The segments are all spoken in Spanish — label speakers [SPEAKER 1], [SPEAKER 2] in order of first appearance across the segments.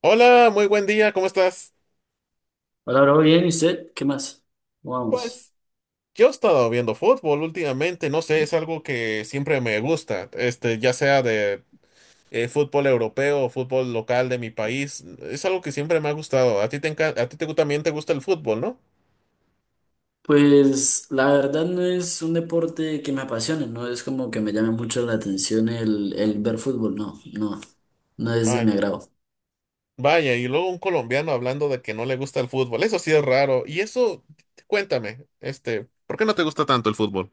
[SPEAKER 1] Hola, muy buen día, ¿cómo estás?
[SPEAKER 2] Hola, bro, bien, ¿y usted? ¿Qué más? ¿Cómo vamos?
[SPEAKER 1] Pues yo he estado viendo fútbol últimamente, no sé, es algo que siempre me gusta, ya sea de fútbol europeo o fútbol local de mi país, es algo que siempre me ha gustado. A ti te gu- también te gusta el fútbol, ¿no?
[SPEAKER 2] Pues la verdad no es un deporte que me apasione, no es como que me llame mucho la atención el ver fútbol, no, no, no es de mi
[SPEAKER 1] Vaya.
[SPEAKER 2] agrado.
[SPEAKER 1] Vaya, y luego un colombiano hablando de que no le gusta el fútbol, eso sí es raro. Y eso, cuéntame, ¿por qué no te gusta tanto el fútbol?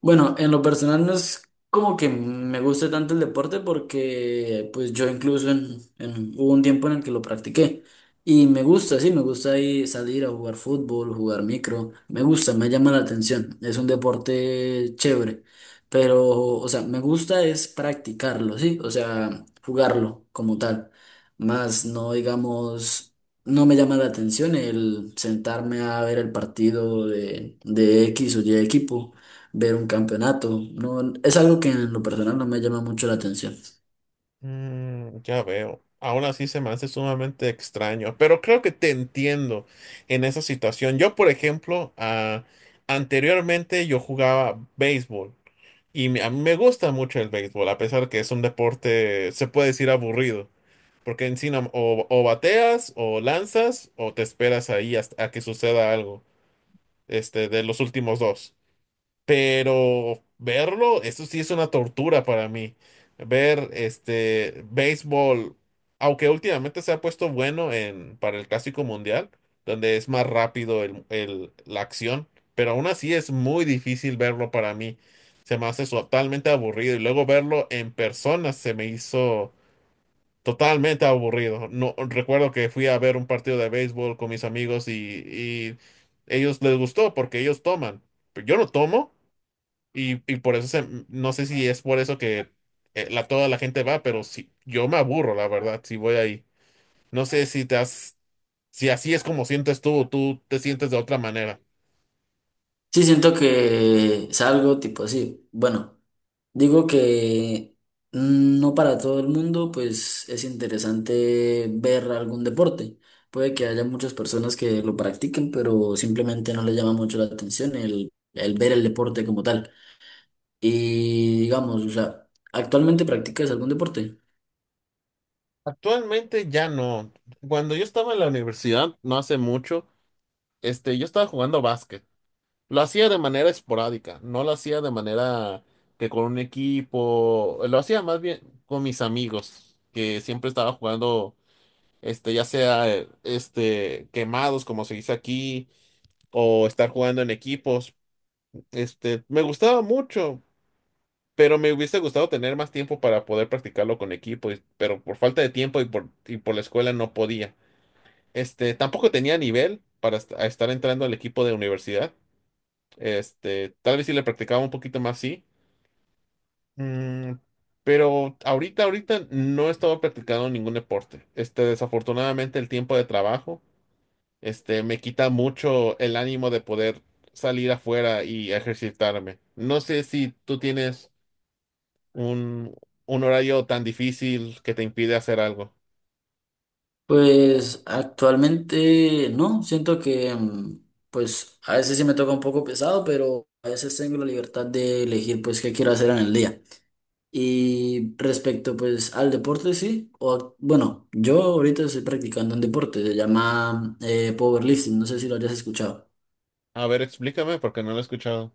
[SPEAKER 2] Bueno, en lo personal no es como que me guste tanto el deporte porque pues yo incluso hubo un tiempo en el que lo practiqué y me gusta, sí, me gusta ahí salir a jugar fútbol, jugar micro, me gusta, me llama la atención, es un deporte chévere, pero o sea, me gusta es practicarlo, sí, o sea, jugarlo como tal, más no digamos, no me llama la atención el sentarme a ver el partido de X o Y equipo, ver un campeonato. No, es algo que en lo personal no me llama mucho la atención.
[SPEAKER 1] Mm, ya veo. Aún así se me hace sumamente extraño, pero creo que te entiendo en esa situación. Yo, por ejemplo, anteriormente yo jugaba béisbol y me- a mí me gusta mucho el béisbol, a pesar que es un deporte, se puede decir aburrido, porque en sí no- o bateas o lanzas o te esperas ahí hasta a que suceda algo, de los últimos dos. Pero verlo, eso sí es una tortura para mí. Ver este béisbol, aunque últimamente se ha puesto bueno en, para el Clásico Mundial, donde es más rápido la acción, pero aún así es muy difícil verlo para mí. Se me hace totalmente aburrido y luego verlo en persona se me hizo totalmente aburrido. No, recuerdo que fui a ver un partido de béisbol con mis amigos y ellos les gustó porque ellos toman, pero yo no tomo. Y por eso se- no sé si es por eso que toda la gente va, pero sí, yo me aburro, la verdad, si voy ahí. No sé si te has, si así es como sientes tú, o tú te sientes de otra manera.
[SPEAKER 2] Sí, siento que es algo tipo así. Bueno, digo que no para todo el mundo, pues es interesante ver algún deporte. Puede que haya muchas personas que lo practiquen, pero simplemente no les llama mucho la atención el ver el deporte como tal. Y digamos, o sea, ¿actualmente practicas algún deporte?
[SPEAKER 1] Actualmente ya no. Cuando yo estaba en la universidad, no hace mucho, yo estaba jugando básquet. Lo hacía de manera esporádica, no lo hacía de manera que con un equipo, lo hacía más bien con mis amigos, que siempre estaba jugando ya sea quemados, como se dice aquí, o estar jugando en equipos. Me gustaba mucho, pero me hubiese gustado tener más tiempo para poder practicarlo con equipo, y- pero por falta de tiempo y por la escuela no podía. Tampoco tenía nivel para est- a estar entrando al equipo de universidad. Tal vez si le practicaba un poquito más, sí. Mm, pero ahorita no he estado practicando ningún deporte. Desafortunadamente el tiempo de trabajo. Me quita mucho el ánimo de poder salir afuera y ejercitarme. No sé si tú tienes un, un horario tan difícil que te impide hacer algo.
[SPEAKER 2] Pues actualmente no, siento que pues a veces sí me toca un poco pesado, pero a veces tengo la libertad de elegir pues qué quiero hacer en el día. Y respecto pues al deporte sí, o bueno, yo ahorita estoy practicando un deporte, se llama powerlifting, no sé si lo hayas escuchado.
[SPEAKER 1] A ver, explícame porque no lo he escuchado.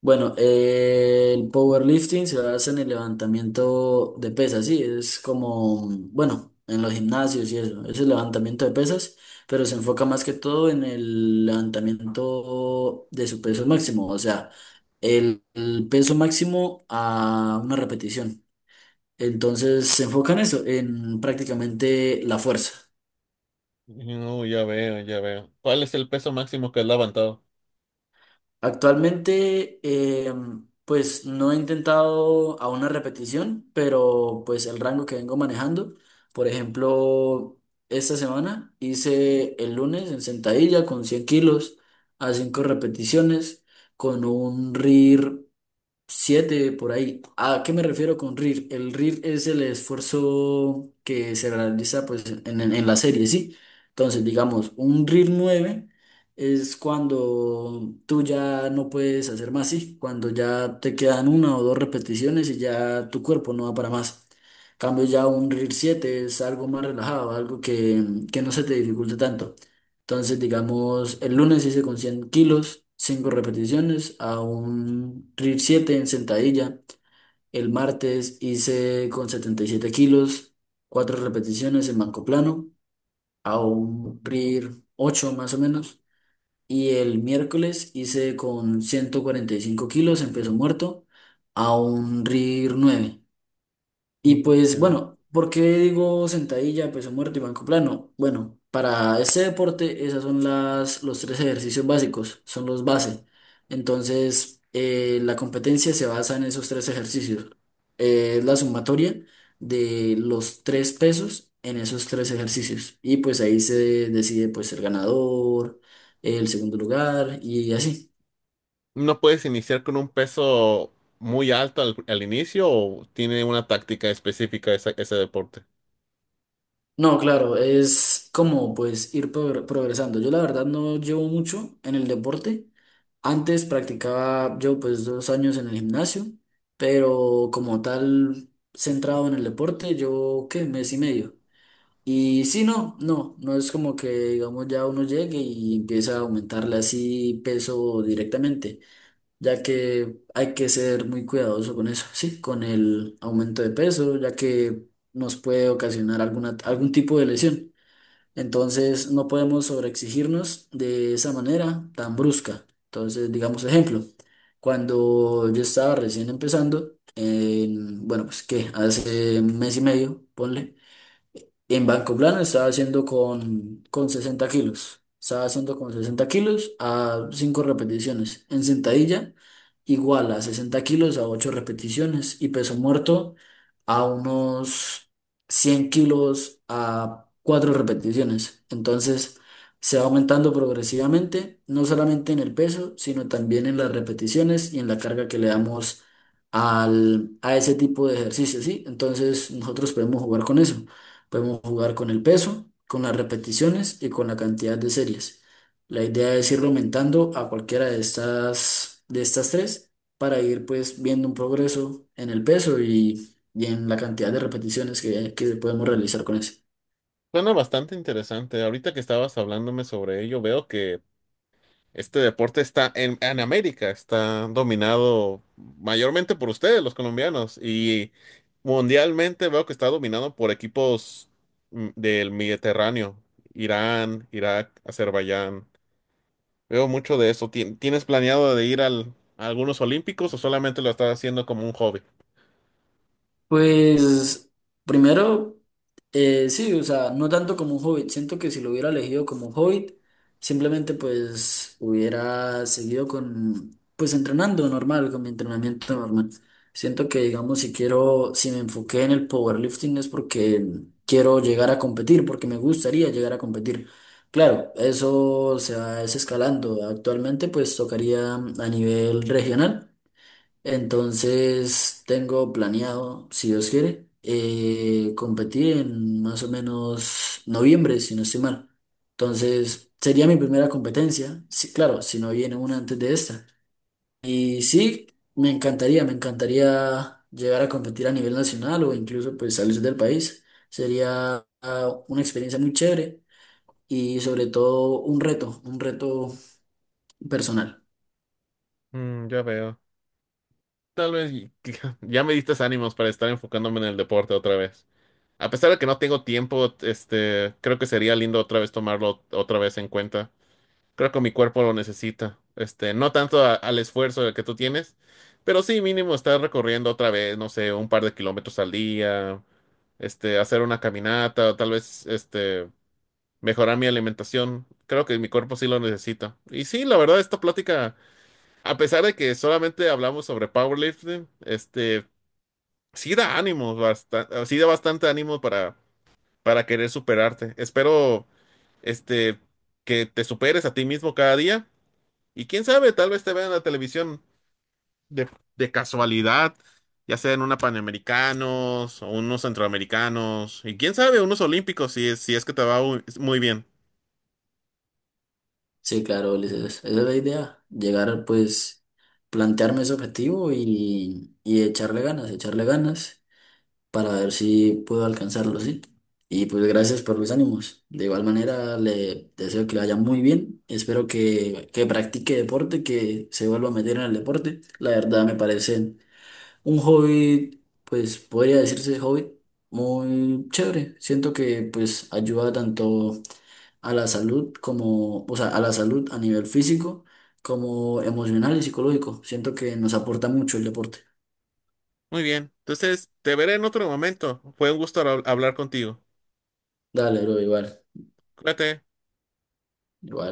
[SPEAKER 2] Bueno, el powerlifting se basa en el levantamiento de pesas, sí, es como, bueno, en los gimnasios y eso, es el levantamiento de pesas, pero se enfoca más que todo en el levantamiento de su peso máximo, o sea, el peso máximo a una repetición. Entonces se enfoca en eso, en prácticamente la fuerza.
[SPEAKER 1] No, ya veo, ya veo. ¿Cuál es el peso máximo que has levantado?
[SPEAKER 2] Actualmente, pues no he intentado a una repetición, pero pues el rango que vengo manejando, por ejemplo, esta semana hice el lunes en sentadilla con 100 kilos a 5 repeticiones con un RIR 7 por ahí. ¿A qué me refiero con RIR? El RIR es el esfuerzo que se realiza pues, en la serie, ¿sí? Entonces, digamos, un RIR 9 es cuando tú ya no puedes hacer más, ¿sí? Cuando ya te quedan una o dos repeticiones y ya tu cuerpo no va para más. En cambio ya un RIR 7 es algo más relajado, algo que no se te dificulte tanto. Entonces, digamos, el lunes hice con 100 kilos, 5 repeticiones a un RIR 7 en sentadilla. El martes hice con 77 kilos, 4 repeticiones en banco plano a un RIR 8 más o menos. Y el miércoles hice con 145 kilos en peso muerto a un RIR 9. Y
[SPEAKER 1] Mm,
[SPEAKER 2] pues
[SPEAKER 1] ya.
[SPEAKER 2] bueno, ¿por qué digo sentadilla, peso muerto y banco plano? Bueno, para este deporte esas son los tres ejercicios básicos, son los base. Entonces, la competencia se basa en esos tres ejercicios. Es la sumatoria de los tres pesos en esos tres ejercicios. Y pues ahí se decide pues el ganador, el segundo lugar y así.
[SPEAKER 1] ¿No puedes iniciar con un peso muy alto al inicio o tiene una táctica específica esa- ese deporte?
[SPEAKER 2] No, claro, es como pues ir progresando. Yo la verdad no llevo mucho en el deporte. Antes practicaba yo pues 2 años en el gimnasio, pero como tal centrado en el deporte, yo qué, mes y medio. Y sí, no, no, no es como que digamos ya uno llegue y empieza a aumentarle así peso directamente ya que hay que ser muy cuidadoso con eso, sí, con el aumento de peso, ya que nos puede ocasionar alguna, algún tipo de lesión. Entonces, no podemos sobreexigirnos de esa manera tan brusca. Entonces, digamos ejemplo, cuando yo estaba recién empezando, bueno, pues que hace un mes y medio, ponle. En banco plano estaba haciendo con 60 kilos. Estaba haciendo con 60 kilos a 5 repeticiones. En sentadilla, igual a 60 kilos a 8 repeticiones. Y peso muerto a unos 100 kilos a 4 repeticiones. Entonces, se va aumentando progresivamente, no solamente en el peso, sino también en las repeticiones y en la carga que le damos a ese tipo de ejercicio, ¿sí? Entonces, nosotros podemos jugar con eso. Podemos jugar con el peso, con las repeticiones y con la cantidad de series. La idea es ir aumentando a cualquiera de de estas tres para ir pues viendo un progreso en el peso y en la cantidad de repeticiones que podemos realizar con eso.
[SPEAKER 1] Suena bastante interesante. Ahorita que estabas hablándome sobre ello, veo que este deporte está en América, está dominado mayormente por ustedes, los colombianos, y mundialmente veo que está dominado por equipos del Mediterráneo, Irán, Irak, Azerbaiyán. Veo mucho de eso. Tien- ¿Tienes planeado de ir a algunos olímpicos o solamente lo estás haciendo como un hobby?
[SPEAKER 2] Pues primero, sí, o sea, no tanto como un hobbit. Siento que si lo hubiera elegido como un hobbit, simplemente pues hubiera seguido pues entrenando normal, con mi entrenamiento normal. Siento que, digamos, si me enfoqué en el powerlifting es porque quiero llegar a competir, porque me gustaría llegar a competir. Claro, eso se va es escalando. Actualmente pues tocaría a nivel regional. Entonces tengo planeado, si Dios quiere, competir en más o menos noviembre, si no estoy mal. Entonces sería mi primera competencia, sí, claro, si no viene una antes de esta. Y sí, me encantaría llegar a competir a nivel nacional o incluso pues salir del país. Sería una experiencia muy chévere y sobre todo un reto personal.
[SPEAKER 1] Mm, ya veo. Tal vez y- ya me diste ánimos para estar enfocándome en el deporte otra vez. A pesar de que no tengo tiempo, creo que sería lindo otra vez tomarlo otra vez en cuenta. Creo que mi cuerpo lo necesita. No tanto a- al esfuerzo que tú tienes, pero sí mínimo estar recorriendo otra vez, no sé, un par de kilómetros al día, hacer una caminata, o tal vez, mejorar mi alimentación. Creo que mi cuerpo sí lo necesita. Y sí, la verdad, esta plática, a pesar de que solamente hablamos sobre powerlifting, sí da ánimos, basta- sí da bastante ánimo para querer superarte. Espero, este, que te superes a ti mismo cada día y quién sabe, tal vez te vean en la televisión de, de casualidad, ya sea en una Panamericanos o unos Centroamericanos, y quién sabe, unos Olímpicos, si es, si es que te va muy, muy bien.
[SPEAKER 2] Sí, claro, Ulises, esa es la idea, llegar pues plantearme ese objetivo y echarle ganas para ver si puedo alcanzarlo, ¿sí? Y pues gracias por los ánimos. De igual manera, le deseo que le vaya muy bien, espero que practique deporte, que se vuelva a meter en el deporte. La verdad me parece un hobby, pues podría decirse hobby muy chévere. Siento que pues ayuda tanto a la salud como, o sea, a la salud a nivel físico como emocional y psicológico. Siento que nos aporta mucho el deporte.
[SPEAKER 1] Muy bien. Entonces, te veré en otro momento. Fue un gusto hab- hablar contigo.
[SPEAKER 2] Dale, bro, igual,
[SPEAKER 1] Cuídate.
[SPEAKER 2] igual.